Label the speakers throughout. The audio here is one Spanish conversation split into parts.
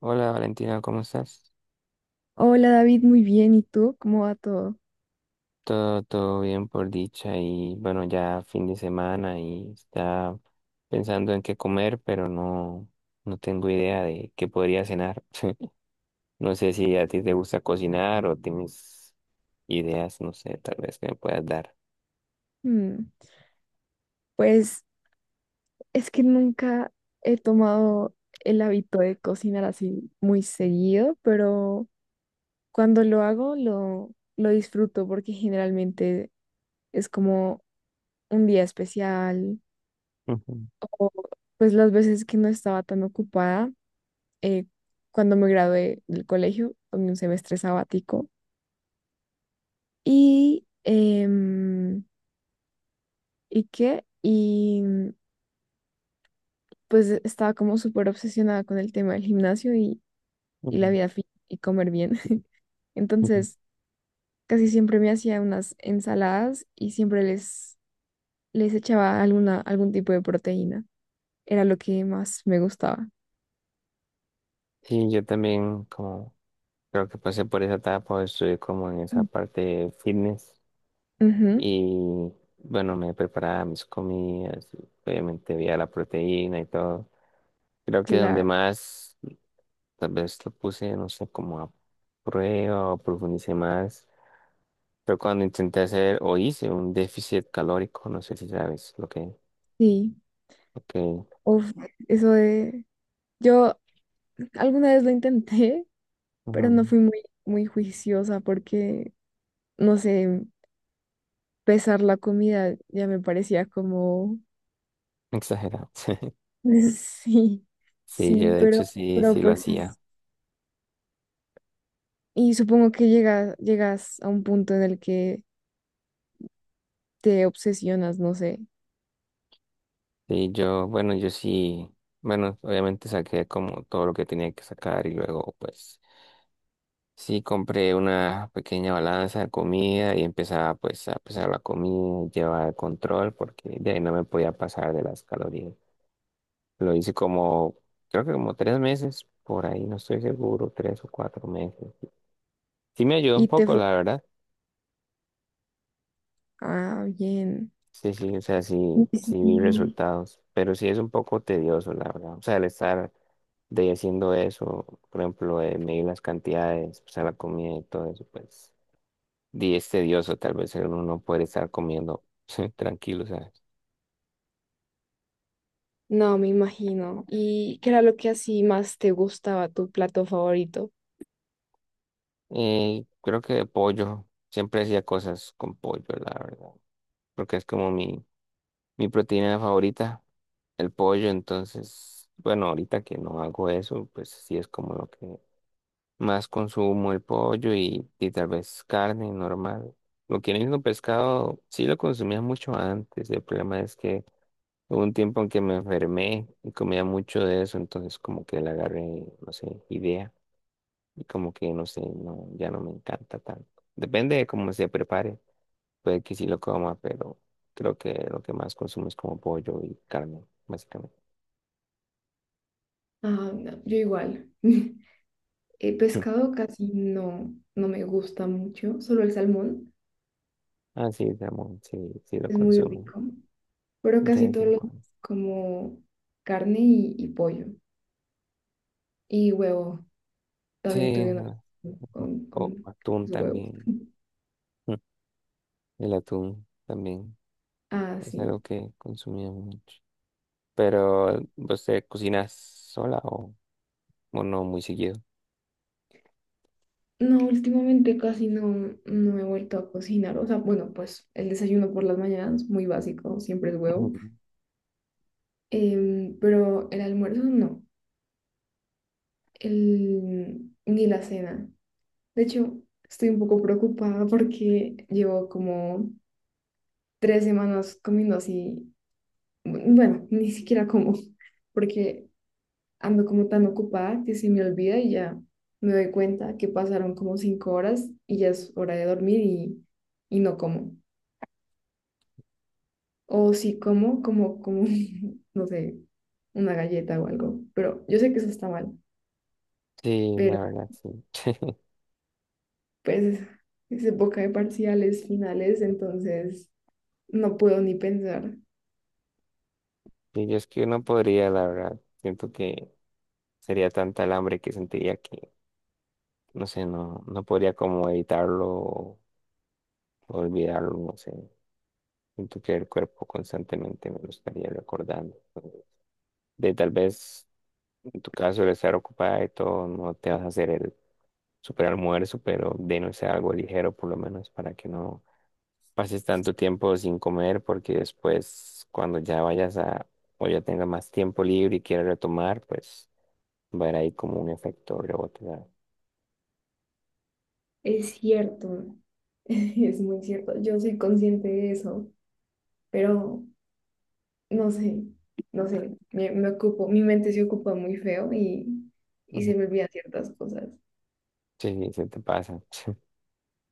Speaker 1: Hola Valentina, ¿cómo estás?
Speaker 2: Hola David, muy bien. ¿Y tú? ¿Cómo va todo?
Speaker 1: Todo, todo bien por dicha y bueno, ya fin de semana y está pensando en qué comer, pero no, no tengo idea de qué podría cenar. No sé si a ti te gusta cocinar o tienes ideas, no sé, tal vez que me puedas dar.
Speaker 2: Mm, pues es que nunca he tomado el hábito de cocinar así muy seguido, pero cuando lo hago lo disfruto porque generalmente es como un día especial
Speaker 1: Ujú,
Speaker 2: o pues las veces que no estaba tan ocupada eh, cuando me gradué del colegio, tomé un semestre sabático y em, ¿y qué? Y pues estaba como súper obsesionada con el tema del gimnasio y la
Speaker 1: ujú,
Speaker 2: vida fit y comer bien.
Speaker 1: ujú.
Speaker 2: Entonces, casi siempre me hacía unas ensaladas y siempre les echaba algún tipo de proteína. Era lo que más me gustaba.
Speaker 1: Sí, yo también como creo que pasé por esa etapa, estuve como en esa
Speaker 2: Mm.
Speaker 1: parte de fitness.
Speaker 2: Ujú,
Speaker 1: Y bueno, me preparaba mis comidas y obviamente veía la proteína y todo. Creo que donde
Speaker 2: claro,
Speaker 1: más, tal vez lo puse, no sé, como a prueba o profundicé más, pero cuando intenté hacer o hice un déficit calórico, no sé si sabes lo que,
Speaker 2: sí.
Speaker 1: lo que,
Speaker 2: Uf, eso de... Yo alguna vez lo intenté, pero
Speaker 1: ujú,
Speaker 2: no fui muy, muy juiciosa porque, no sé, pesar la comida ya me parecía como…
Speaker 1: exagerado.
Speaker 2: Sí,
Speaker 1: Sí, yo
Speaker 2: sí,
Speaker 1: de
Speaker 2: pero,
Speaker 1: hecho sí,
Speaker 2: pero
Speaker 1: sí lo
Speaker 2: pues
Speaker 1: hacía.
Speaker 2: es- y supongo que llegas a un punto en el que te obsesionas, no sé,
Speaker 1: Sí, yo, bueno, yo sí, bueno, obviamente saqué como todo lo que tenía que sacar, y luego pues sí, compré una pequeña balanza de comida y empezaba pues a pesar la comida, llevaba el control porque de ahí no me podía pasar de las calorías. Lo hice como, creo que como 3 meses, por ahí no estoy seguro, 3 o 4 meses. Sí me ayudó un
Speaker 2: y te
Speaker 1: poco,
Speaker 2: fo-
Speaker 1: la verdad.
Speaker 2: ah, bien.
Speaker 1: Sí, sí, o sea, sí, sí vi
Speaker 2: Sí.
Speaker 1: resultados, pero sí es un poco tedioso, la verdad. O sea, el estar de haciendo eso, por ejemplo, de medir las cantidades, pesar la comida y todo eso, pues. Di es tedioso, tal vez uno no puede estar comiendo tranquilo, ¿sabes?
Speaker 2: No, me imagino. ¿Y qué era lo que así más te gustaba, tu plato favorito?
Speaker 1: Y creo que de pollo, siempre hacía cosas con pollo, la verdad, porque es como mi, proteína favorita, el pollo. Entonces, bueno, ahorita que no hago eso, pues sí es como lo que más consumo el pollo y, tal vez carne normal. Lo que viene siendo pescado, sí lo consumía mucho antes. El problema es que hubo un tiempo en que me enfermé y comía mucho de eso, entonces como que le agarré, no sé, idea, y como que, no sé, no, ya no me encanta tanto. Depende de cómo se prepare, puede que sí lo coma, pero creo que lo que más consumo es como pollo y carne, básicamente.
Speaker 2: Ah, no, yo igual. El
Speaker 1: Mm.
Speaker 2: pescado casi no, no me gusta mucho, solo el salmón
Speaker 1: Ah, sí, salmón, sí, sí lo
Speaker 2: es muy
Speaker 1: consumo
Speaker 2: rico, pero
Speaker 1: de
Speaker 2: casi
Speaker 1: vez
Speaker 2: todos
Speaker 1: en
Speaker 2: los
Speaker 1: cuando.
Speaker 2: como carne y pollo y huevo. También
Speaker 1: Sí,
Speaker 2: tuve una
Speaker 1: no, no,
Speaker 2: con,
Speaker 1: o
Speaker 2: con
Speaker 1: atún
Speaker 2: los huevos.
Speaker 1: también. Mm. El atún también
Speaker 2: Ah,
Speaker 1: es
Speaker 2: sí.
Speaker 1: algo que consumía mucho. Pero, ¿vos te cocinas sola o...? O no muy seguido.
Speaker 2: No, últimamente casi no, no he vuelto a cocinar. O sea, bueno, pues el desayuno por las mañanas, muy básico, siempre es huevo.
Speaker 1: Ujú.
Speaker 2: Pero el almuerzo no, el, ni la cena. De hecho, estoy un poco preocupada porque llevo como 3 semanas comiendo así. Bueno, ni siquiera como, porque ando como tan ocupada que se me olvida y ya me doy cuenta que pasaron como 5 horas y ya es hora de dormir y no como. O si como, como, como, no sé, una galleta o algo. Pero yo sé que eso está mal,
Speaker 1: Sí, la
Speaker 2: pero
Speaker 1: verdad, sí.
Speaker 2: pues es época de parciales finales, entonces no puedo ni pensar.
Speaker 1: Sí, yo es que no podría, la verdad. Siento que sería tanta el hambre que sentiría que, no sé, no, no podría como evitarlo o olvidarlo, no sé. Siento que el cuerpo constantemente me lo estaría recordando. De tal vez, en tu caso, el estar ocupada y todo, no te vas a hacer el super almuerzo, pero de no ser algo ligero, por lo menos, para que no pases tanto tiempo sin comer, porque después cuando ya vayas a o ya tengas más tiempo libre y quieras retomar, pues va a haber ahí como un efecto rebote, ¿sabes?
Speaker 2: Es cierto, es muy cierto, yo soy consciente de eso, pero... no sé, no sé, me ocupo, mi mente se ocupa muy feo y se
Speaker 1: Ujú.
Speaker 2: me olvidan ciertas cosas.
Speaker 1: Sí, sí, se te pasa.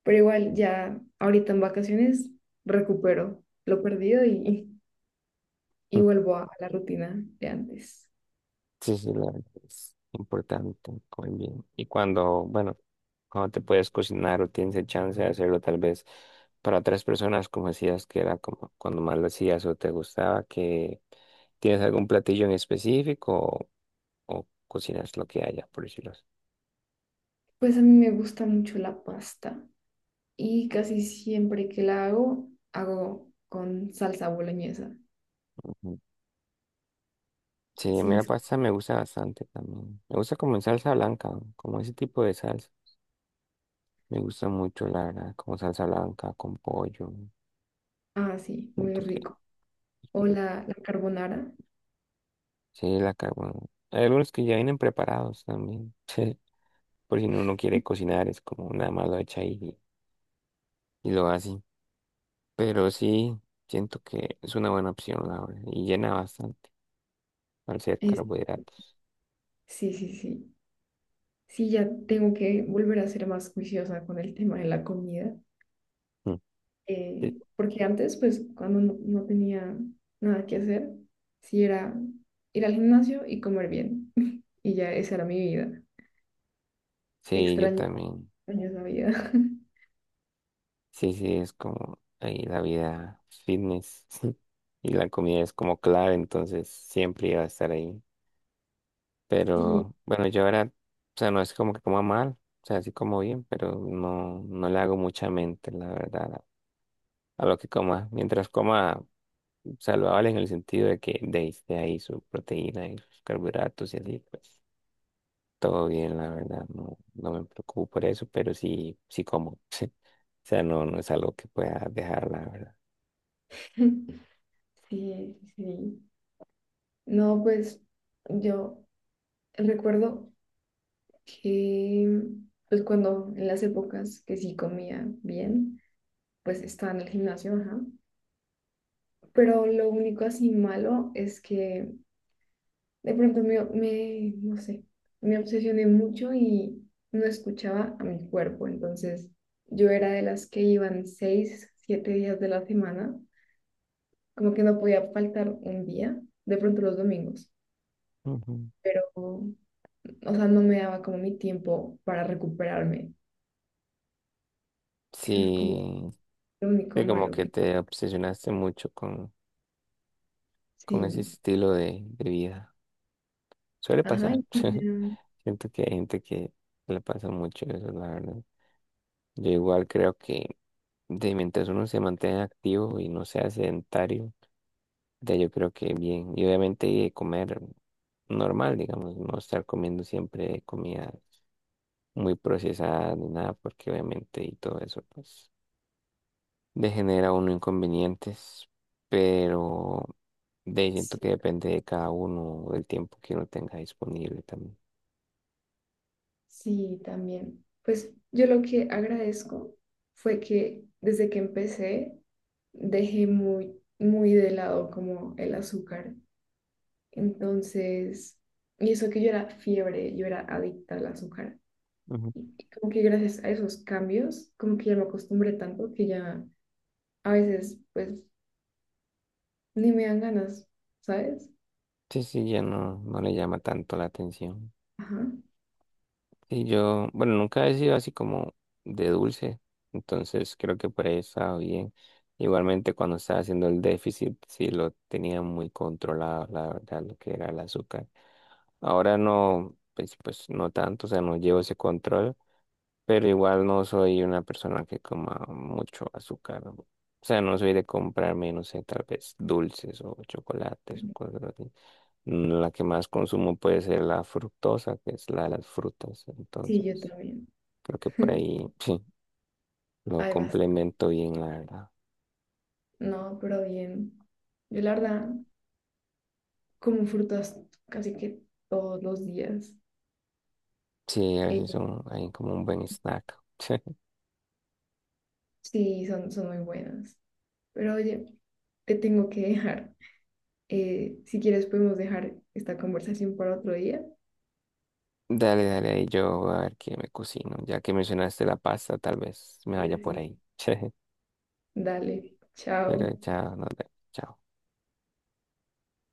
Speaker 2: Pero igual ya ahorita en vacaciones recupero lo perdido y vuelvo a la rutina de antes.
Speaker 1: Sí, sí, la verdad es importante comer bien. Y cuando, bueno, cuando te puedes cocinar o tienes el chance de hacerlo tal vez para otras personas, como decías que era como cuando más lo hacías o te gustaba, ¿que tienes algún platillo en específico o, cocinas lo que haya, por decirlo así?
Speaker 2: Pues a mí me gusta mucho la pasta y casi siempre que la hago, hago con salsa boloñesa.
Speaker 1: Sí, a mí
Speaker 2: Sí,
Speaker 1: la
Speaker 2: es-
Speaker 1: pasta me gusta bastante también. Me gusta como en salsa blanca, como ese tipo de salsa. Me gusta mucho, la verdad, como salsa blanca, con pollo.
Speaker 2: ah, sí, muy
Speaker 1: Siento que
Speaker 2: rico. O la carbonara.
Speaker 1: sí, la carbón. Hay algunos que ya vienen preparados también. Sí. Por si no uno no quiere cocinar, es como nada más lo echa ahí y, lo hace. Pero sí, siento que es una buena opción, la verdad. Y llena bastante al ser
Speaker 2: Es,
Speaker 1: carbohidratos.
Speaker 2: sí, sí, sí. Sí, ya tengo que volver a ser más juiciosa con el tema de la comida,
Speaker 1: Mm. Sí,
Speaker 2: porque antes, pues, cuando no, no tenía nada que hacer, sí era ir al gimnasio y comer bien. Y ya esa era mi vida.
Speaker 1: sí, yo
Speaker 2: Extraño,
Speaker 1: también.
Speaker 2: extraño esa vida.
Speaker 1: Sí, sí, es como ahí la vida fitness y la comida es como clave, entonces siempre iba a estar ahí.
Speaker 2: Sí,
Speaker 1: Pero bueno, yo ahora, o sea, no es como que coma mal, o sea, sí como bien, pero no, no le hago mucha mente, la verdad, a lo que coma. Mientras coma saludable en el sentido de que, esté ahí su proteína y sus carbohidratos y así, pues todo bien, la verdad, no, no me preocupo por eso, pero sí, sí como. O sea, no, no es algo que pueda dejar, la verdad.
Speaker 2: sí, sí. No, pues yo recuerdo que, pues cuando en las épocas que sí comía bien, pues estaba en el gimnasio, ajá. Pero lo único así malo es que de pronto no sé, me obsesioné mucho y no escuchaba a mi cuerpo. Entonces yo era de las que iban 6, 7 días de la semana, como que no podía faltar un día, de pronto los domingos,
Speaker 1: Ujú.
Speaker 2: pero, o sea, no me daba como mi tiempo para recuperarme. Eso es como
Speaker 1: Sí,
Speaker 2: lo único
Speaker 1: sí, como
Speaker 2: malo
Speaker 1: que
Speaker 2: que
Speaker 1: te obsesionaste mucho con, ese
Speaker 2: sí.
Speaker 1: estilo de, vida. Suele
Speaker 2: Ajá,
Speaker 1: pasar.
Speaker 2: y pues ya,
Speaker 1: Siento que hay gente que le pasa mucho eso, la verdad. Yo igual creo que de mientras uno se mantenga activo y no sea sedentario, de yo creo que bien. Y obviamente comer normal, digamos, no estar comiendo siempre comida muy procesada ni nada, porque obviamente y todo eso, pues. Le genera uno inconvenientes, pero de ahí siento que depende de cada uno, del tiempo que uno tenga disponible también.
Speaker 2: sí, también. Pues yo lo que agradezco fue que desde que empecé dejé muy, muy de lado como el azúcar. Entonces, y eso que yo era fiebre, yo era adicta al azúcar.
Speaker 1: Ujú.
Speaker 2: Y como que gracias a esos cambios, como que ya me acostumbré tanto que ya a veces pues ni me dan ganas, ¿sabes?
Speaker 1: Sí, sí, ya no, no le llama tanto la atención.
Speaker 2: Ajá.
Speaker 1: Y yo, bueno, nunca he sido así como de dulce, entonces creo que por ahí estaba bien. Igualmente cuando estaba haciendo el déficit, sí lo tenía muy controlado, la verdad, lo que era el azúcar. Ahora no, pues no tanto, o sea, no llevo ese control. Pero igual no soy una persona que coma mucho azúcar. O sea, no soy de comprarme, no sé, tal vez dulces o chocolates o cosas así. Mm. La que más consumo puede ser la fructosa, que es la de las frutas.
Speaker 2: Sí, yo
Speaker 1: Entonces,
Speaker 2: también.
Speaker 1: creo que por ahí sí, lo
Speaker 2: Ay, basta.
Speaker 1: complemento bien, la verdad.
Speaker 2: No, pero bien. Yo la verdad. Como frutas casi que todos los días.
Speaker 1: Sí, a
Speaker 2: Eh,
Speaker 1: veces son ahí como un buen snack.
Speaker 2: sí, son, son muy buenas. Pero oye, te tengo que dejar. Si quieres, podemos dejar esta conversación para otro día.
Speaker 1: Dale, dale, ahí yo voy a ver qué me cocino. Ya que mencionaste la pasta, tal vez me vaya por
Speaker 2: Sí,
Speaker 1: ahí.
Speaker 2: dale,
Speaker 1: Pero
Speaker 2: chao.
Speaker 1: ya nos vemos. Chao.